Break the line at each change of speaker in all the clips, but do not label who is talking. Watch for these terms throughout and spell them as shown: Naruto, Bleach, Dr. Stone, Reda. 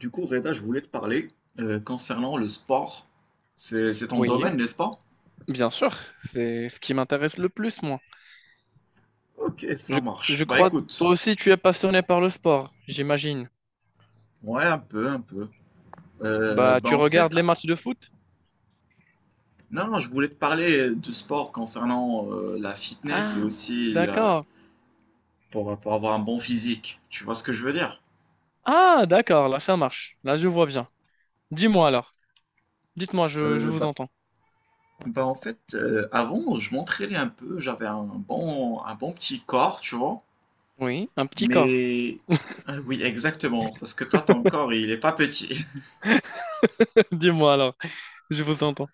Du coup, Reda, je voulais te parler concernant le sport. C'est ton
Oui,
domaine, n'est-ce pas?
bien sûr, c'est ce qui m'intéresse le plus, moi.
Ok, ça
Je,
marche.
je
Bah
crois,
écoute,
toi aussi, tu es passionné par le sport, j'imagine.
ouais, un peu, un peu.
Bah,
Bah
tu
en
regardes
fait,
les
ah,
matchs de foot?
non, non, je voulais te parler de sport concernant la fitness et
Ah,
aussi la,
d'accord.
pour avoir un bon physique. Tu vois ce que je veux dire?
Ah, d'accord, là, ça marche. Là, je vois bien. Dis-moi alors. Dites-moi, je
Euh,
vous
bah,
entends.
bah en fait, avant, je m'entraînais un peu, j'avais un bon petit corps, tu vois.
Oui, un petit corps.
Mais, ah oui, exactement, parce que toi, ton corps, il est pas petit.
Dis-moi alors, je vous entends.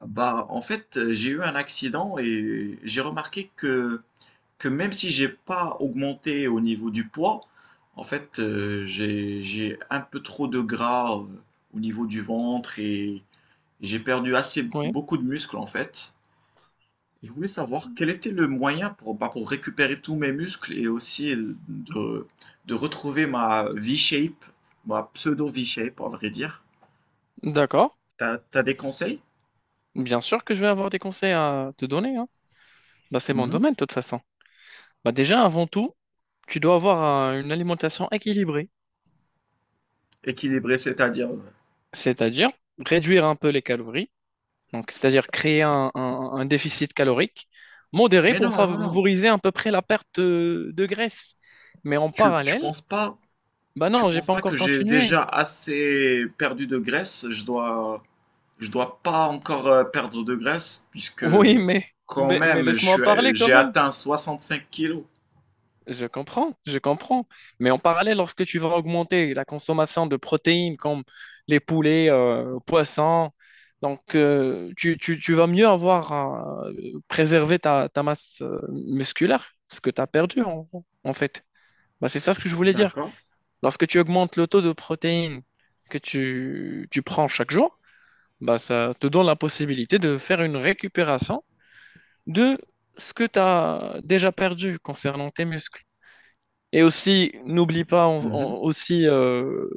Bah, en fait, j'ai eu un accident et j'ai remarqué que même si j'ai pas augmenté au niveau du poids, en fait, j'ai un peu trop de gras au niveau du ventre et j'ai perdu assez
Oui,
beaucoup de muscles en fait. Et je voulais savoir quel était le moyen pour, bah, pour récupérer tous mes muscles et aussi de, de retrouver ma V-shape, ma pseudo V-shape, à vrai dire.
d'accord.
T'as, t'as des conseils?
Bien sûr que je vais avoir des conseils à te donner, hein. Bah, c'est mon
Mhm.
domaine, de toute façon. Bah, déjà, avant tout, tu dois avoir une alimentation équilibrée,
Équilibré, c'est-à-dire.
c'est-à-dire réduire un peu les calories. Donc, c'est-à-dire créer un déficit calorique modéré
Mais non,
pour
non, non.
favoriser à peu près la perte de graisse. Mais en
Tu
parallèle,
penses pas,
bah
tu
non, j'ai
penses
pas
pas que
encore
j'ai
continué.
déjà assez perdu de graisse? Je dois pas encore perdre de graisse puisque
Oui, mais,
quand
mais, mais
même,
laisse-moi parler quand
j'ai
même.
atteint 65 kilos.
Je comprends, je comprends. Mais en parallèle, lorsque tu vas augmenter la consommation de protéines comme les poulets, poissons, donc tu vas mieux avoir préservé ta masse musculaire, ce que tu as perdu en fait. Bah, c'est ça ce que je voulais dire.
D'accord.
Lorsque tu augmentes le taux de protéines que tu prends chaque jour, bah, ça te donne la possibilité de faire une récupération de ce que tu as déjà perdu concernant tes muscles. Et aussi, n'oublie pas
Mhm.
aussi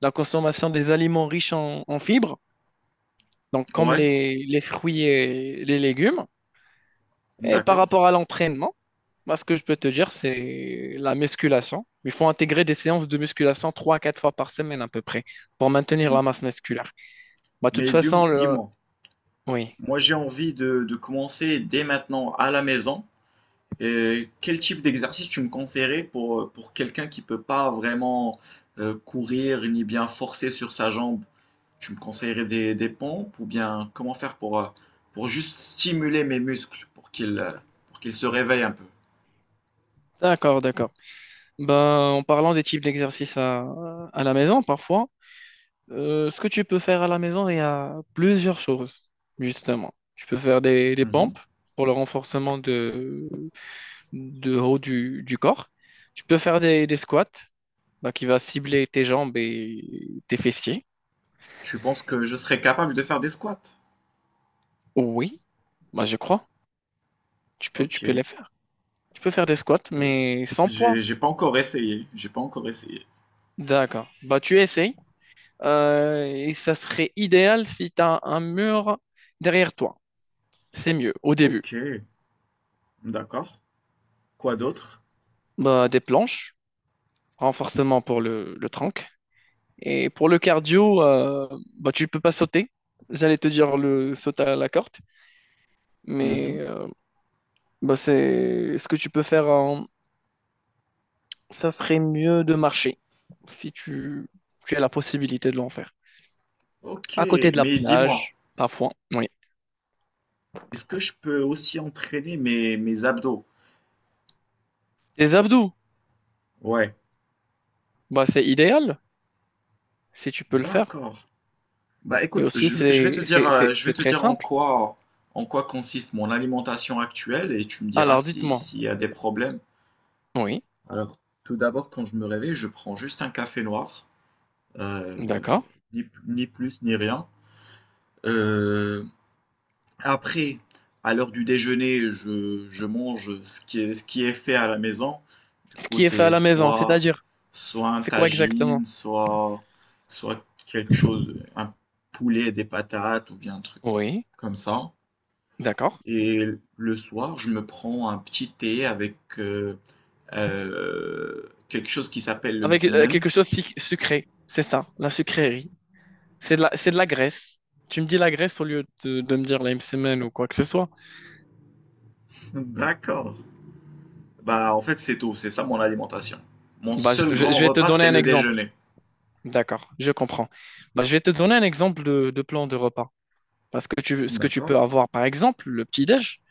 la consommation des aliments riches en fibres, donc comme
Ouais,
les fruits et les légumes. Et par
d'accord.
rapport à l'entraînement, moi, ce que je peux te dire, c'est la musculation. Il faut intégrer des séances de musculation trois à quatre fois par semaine à peu près pour maintenir la masse musculaire. Bah, de toute
Mais
façon,
dis,
le...
moi
Oui,
moi j'ai envie de commencer dès maintenant à la maison. Quel type d'exercice tu me conseillerais pour quelqu'un qui peut pas vraiment courir ni bien forcer sur sa jambe? Tu me conseillerais des pompes ou bien comment faire pour juste stimuler mes muscles pour qu'ils se réveillent un peu?
d'accord, d'accord. Ben en parlant des types d'exercices à la maison, parfois, ce que tu peux faire à la maison, il y a plusieurs choses, justement. Tu peux faire des
Mhm.
pompes pour le renforcement de haut du corps. Tu peux faire des squats, bah, qui va cibler tes jambes et tes fessiers.
Je pense que je serais capable de faire des squats.
Oui. Bah, je crois. Tu peux, tu
Ok.
peux les faire. Tu peux faire des squats,
Euh,
mais sans poids.
j'ai pas encore essayé. J'ai pas encore essayé.
D'accord. Bah, tu essayes. Et ça serait idéal si tu as un mur derrière toi. C'est mieux au début.
Ok. D'accord. Quoi d'autre?
Bah, des planches, renforcement pour le trunk. Et pour le cardio, bah, tu peux pas sauter. J'allais te dire le saut à la corde,
Mhm.
mais bah, c'est ce que tu peux faire. Ça serait mieux de marcher si tu as la possibilité de l'en faire,
Ok.
à côté de la
Mais dis-moi.
plage, parfois, oui.
Est-ce que je peux aussi entraîner mes, mes abdos?
Des abdos,
Ouais,
bah, c'est idéal si tu peux le faire.
d'accord. Bah
Et
écoute,
aussi,
je vais
c'est
te dire,
c'est- c'est-
je vais
c'est
te
très
dire
simple.
en quoi consiste mon alimentation actuelle et tu me diras
Alors,
si,
dites-moi.
s'il y a des problèmes.
Oui,
Alors, tout d'abord, quand je me réveille, je prends juste un café noir, euh,
d'accord.
ni, ni plus ni rien. Euh, Après, à l'heure du déjeuner, je mange ce qui est fait à la maison. Du
Ce
coup,
qui est fait à
c'est
la maison,
soit,
c'est-à-dire,
soit un
c'est quoi exactement?
tagine, soit, soit quelque chose, un poulet, des patates ou bien un truc pas-
Oui,
comme ça.
d'accord.
Et le soir, je me prends un petit thé avec quelque chose qui s'appelle le
Avec
msemen.
quelque chose sucré, c'est ça, la sucrerie. C'est de la graisse. Tu me dis la graisse au lieu de me dire la semaine ou quoi que ce soit.
D'accord. Bah, en fait, c'est tout. C'est ça mon alimentation. Mon
Bah,
seul
je, je-
grand
je vais te
repas,
donner
c'est
un
le
exemple.
déjeuner.
D'accord, je comprends. Bah, je vais te donner un exemple de plan de repas. Ce que tu
D'accord.
peux avoir, par exemple, le petit-déj,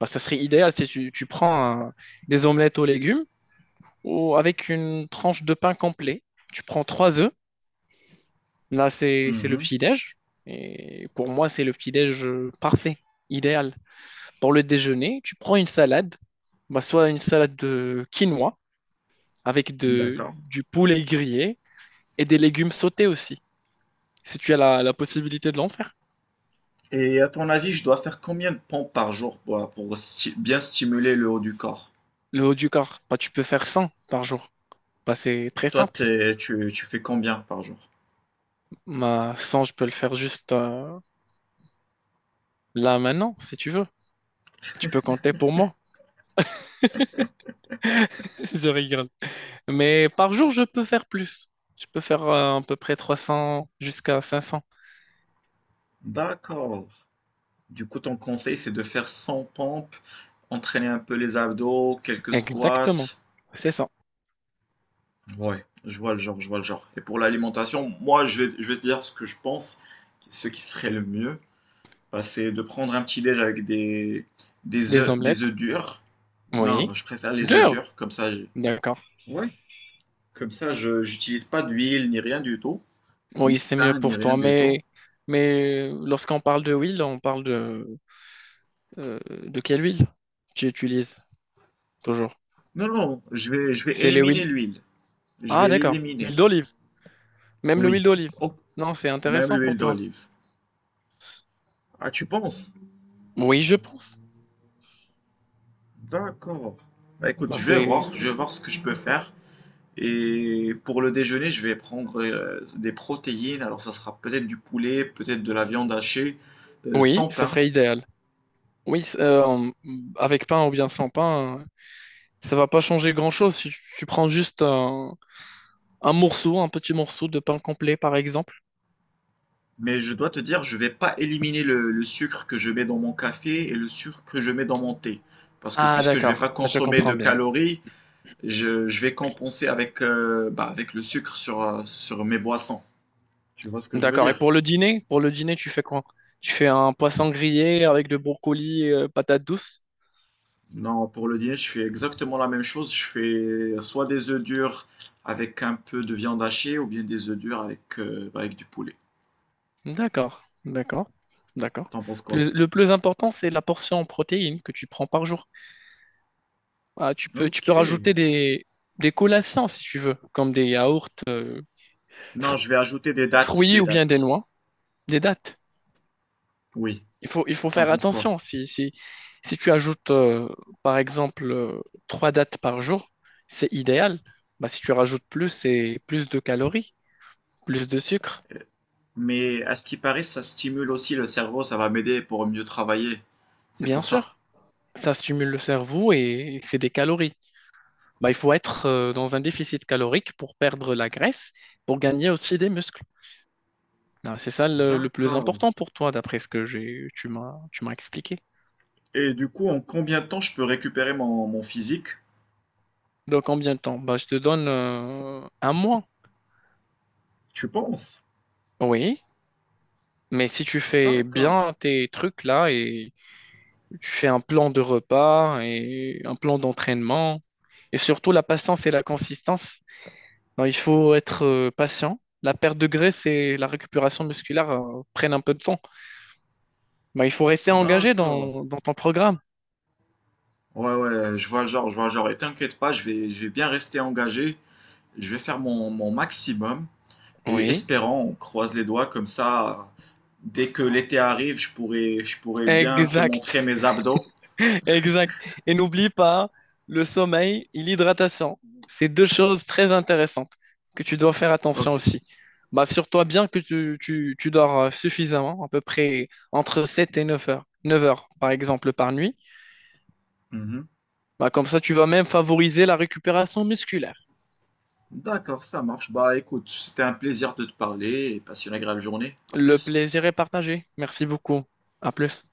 bah, ça serait idéal si tu prends des omelettes aux légumes ou avec une tranche de pain complet. Tu prends trois œufs. Là, c'est le
Mhm.
petit-déj. Et pour moi, c'est le petit-déj parfait, idéal. Pour le déjeuner, tu prends une salade, bah, soit une salade de quinoa avec de,
D'accord.
du poulet grillé et des légumes sautés aussi, si tu as la possibilité de l'en faire.
Et à ton avis, je dois faire combien de pompes par jour pour, bien stimuler le haut du corps?
Le haut du corps, bah, tu peux faire 100 par jour. Bah, c'est très
Toi,
simple.
t'es- tu, tu fais combien par jour?
Ma sans, je peux le faire juste là maintenant, si tu veux. Tu peux compter pour moi. Je rigole. Mais par jour, je peux faire plus. Je peux faire à peu près 300 jusqu'à 500.
D'accord. Du coup, ton conseil, c'est de faire 100 pompes, entraîner un peu les abdos, quelques squats.
Exactement. C'est ça.
Ouais, je vois le genre, je vois le genre. Et pour l'alimentation, moi, je vais te dire ce que je pense, ce qui serait le mieux, bah, c'est de prendre un petit déj avec
Des
des œufs
omelettes.
durs. Non,
Oui.
je préfère les œufs
Dur.
durs, comme ça.
D'accord.
Ouais, comme ça, je j'utilise pas d'huile ni rien du tout, ni
Oui, c'est mieux
pain ni
pour
rien
toi.
du tout.
Mais lorsqu'on parle de huile, on parle de quelle huile tu utilises toujours?
Non, non, je vais
C'est les
éliminer
huiles.
l'huile. Je
Ah,
vais
d'accord.
l'éliminer.
Huile d'olive. Même le huile
Oui.
d'olive.
Oh,
Non, c'est
même
intéressant
l'huile
pour toi.
d'olive. Ah, tu penses?
Oui, je pense.
D'accord. Bah écoute,
Bah, c'est...
je vais voir ce que je peux faire. Et pour le déjeuner, je vais prendre des protéines. Alors, ça sera peut-être du poulet, peut-être de la viande hachée,
Oui,
sans
ça
pain.
serait idéal. Oui, avec pain ou bien sans pain, ça va pas changer grand-chose. Si tu prends juste un morceau, un petit morceau de pain complet, par exemple.
Mais je dois te dire, je vais pas éliminer le sucre que je mets dans mon café et le sucre que je mets dans mon thé. Parce que
Ah,
puisque je vais
d'accord.
pas
Là, je
consommer de
comprends bien.
calories, je vais compenser avec, bah, avec le sucre sur, sur mes boissons. Tu vois ce que je veux
D'accord. Et
dire?
pour le dîner, tu fais quoi? Tu fais un poisson grillé avec de brocoli, et patates douces?
Non, pour le dîner, je fais exactement la même chose. Je fais soit des œufs durs avec un peu de viande hachée ou bien des œufs durs avec, bah, avec du poulet.
D'accord. D'accord. D'accord.
T'en penses quoi?
Le plus important, c'est la portion en protéines que tu prends par jour. Voilà, tu peux, tu
Ok.
peux rajouter des collations si tu veux, comme des yaourts,
Non,
fr-
je vais ajouter des dates,
fruits
des
ou bien des
dates.
noix, des dattes.
Oui.
Il faut
T'en
faire
penses quoi?
attention. Si tu ajoutes, par exemple, trois dattes par jour, c'est idéal. Bah, si tu rajoutes plus, c'est plus de calories, plus de sucre,
Mais à ce qui paraît, ça stimule aussi le cerveau, ça va m'aider pour mieux travailler. C'est
bien
pour ça.
sûr. Ça stimule le cerveau et c'est des calories. Bah, il faut être dans un déficit calorique pour perdre la graisse, pour gagner aussi des muscles. Ah, c'est ça le plus
D'accord.
important pour toi, d'après ce que tu m'as expliqué.
Et du coup, en combien de temps je peux récupérer mon, mon physique,
Donc, combien de temps? Bah, je te donne un mois.
tu penses?
Oui, mais si tu fais
D'accord.
bien tes trucs là et tu fais un plan de repas et un plan d'entraînement et surtout la patience et la consistance. Non, il faut être patient. La perte de graisse et la récupération musculaire prennent un peu de temps. Bah, il faut rester engagé
D'accord.
dans ton programme.
Ouais, ouais, je vois le genre, je vois le genre. Et t'inquiète pas, je vais bien rester engagé. Je vais faire mon, mon maximum. Et
Oui,
espérant, on croise les doigts comme ça. Dès que l'été arrive, je pourrai bien te
exact.
montrer mes abdos.
Exact. Et n'oublie pas, le sommeil et l'hydratation, c'est deux choses très intéressantes que tu dois faire attention
Ok.
aussi. Bah, assure-toi bien que tu dors suffisamment, à peu près entre 7 et 9 heures. 9 heures, par exemple, par nuit.
Mhm.
Bah, comme ça, tu vas même favoriser la récupération musculaire.
D'accord, ça marche. Bah écoute, c'était un plaisir de te parler et passe une agréable journée. À
Le
plus.
plaisir est partagé. Merci beaucoup. À plus.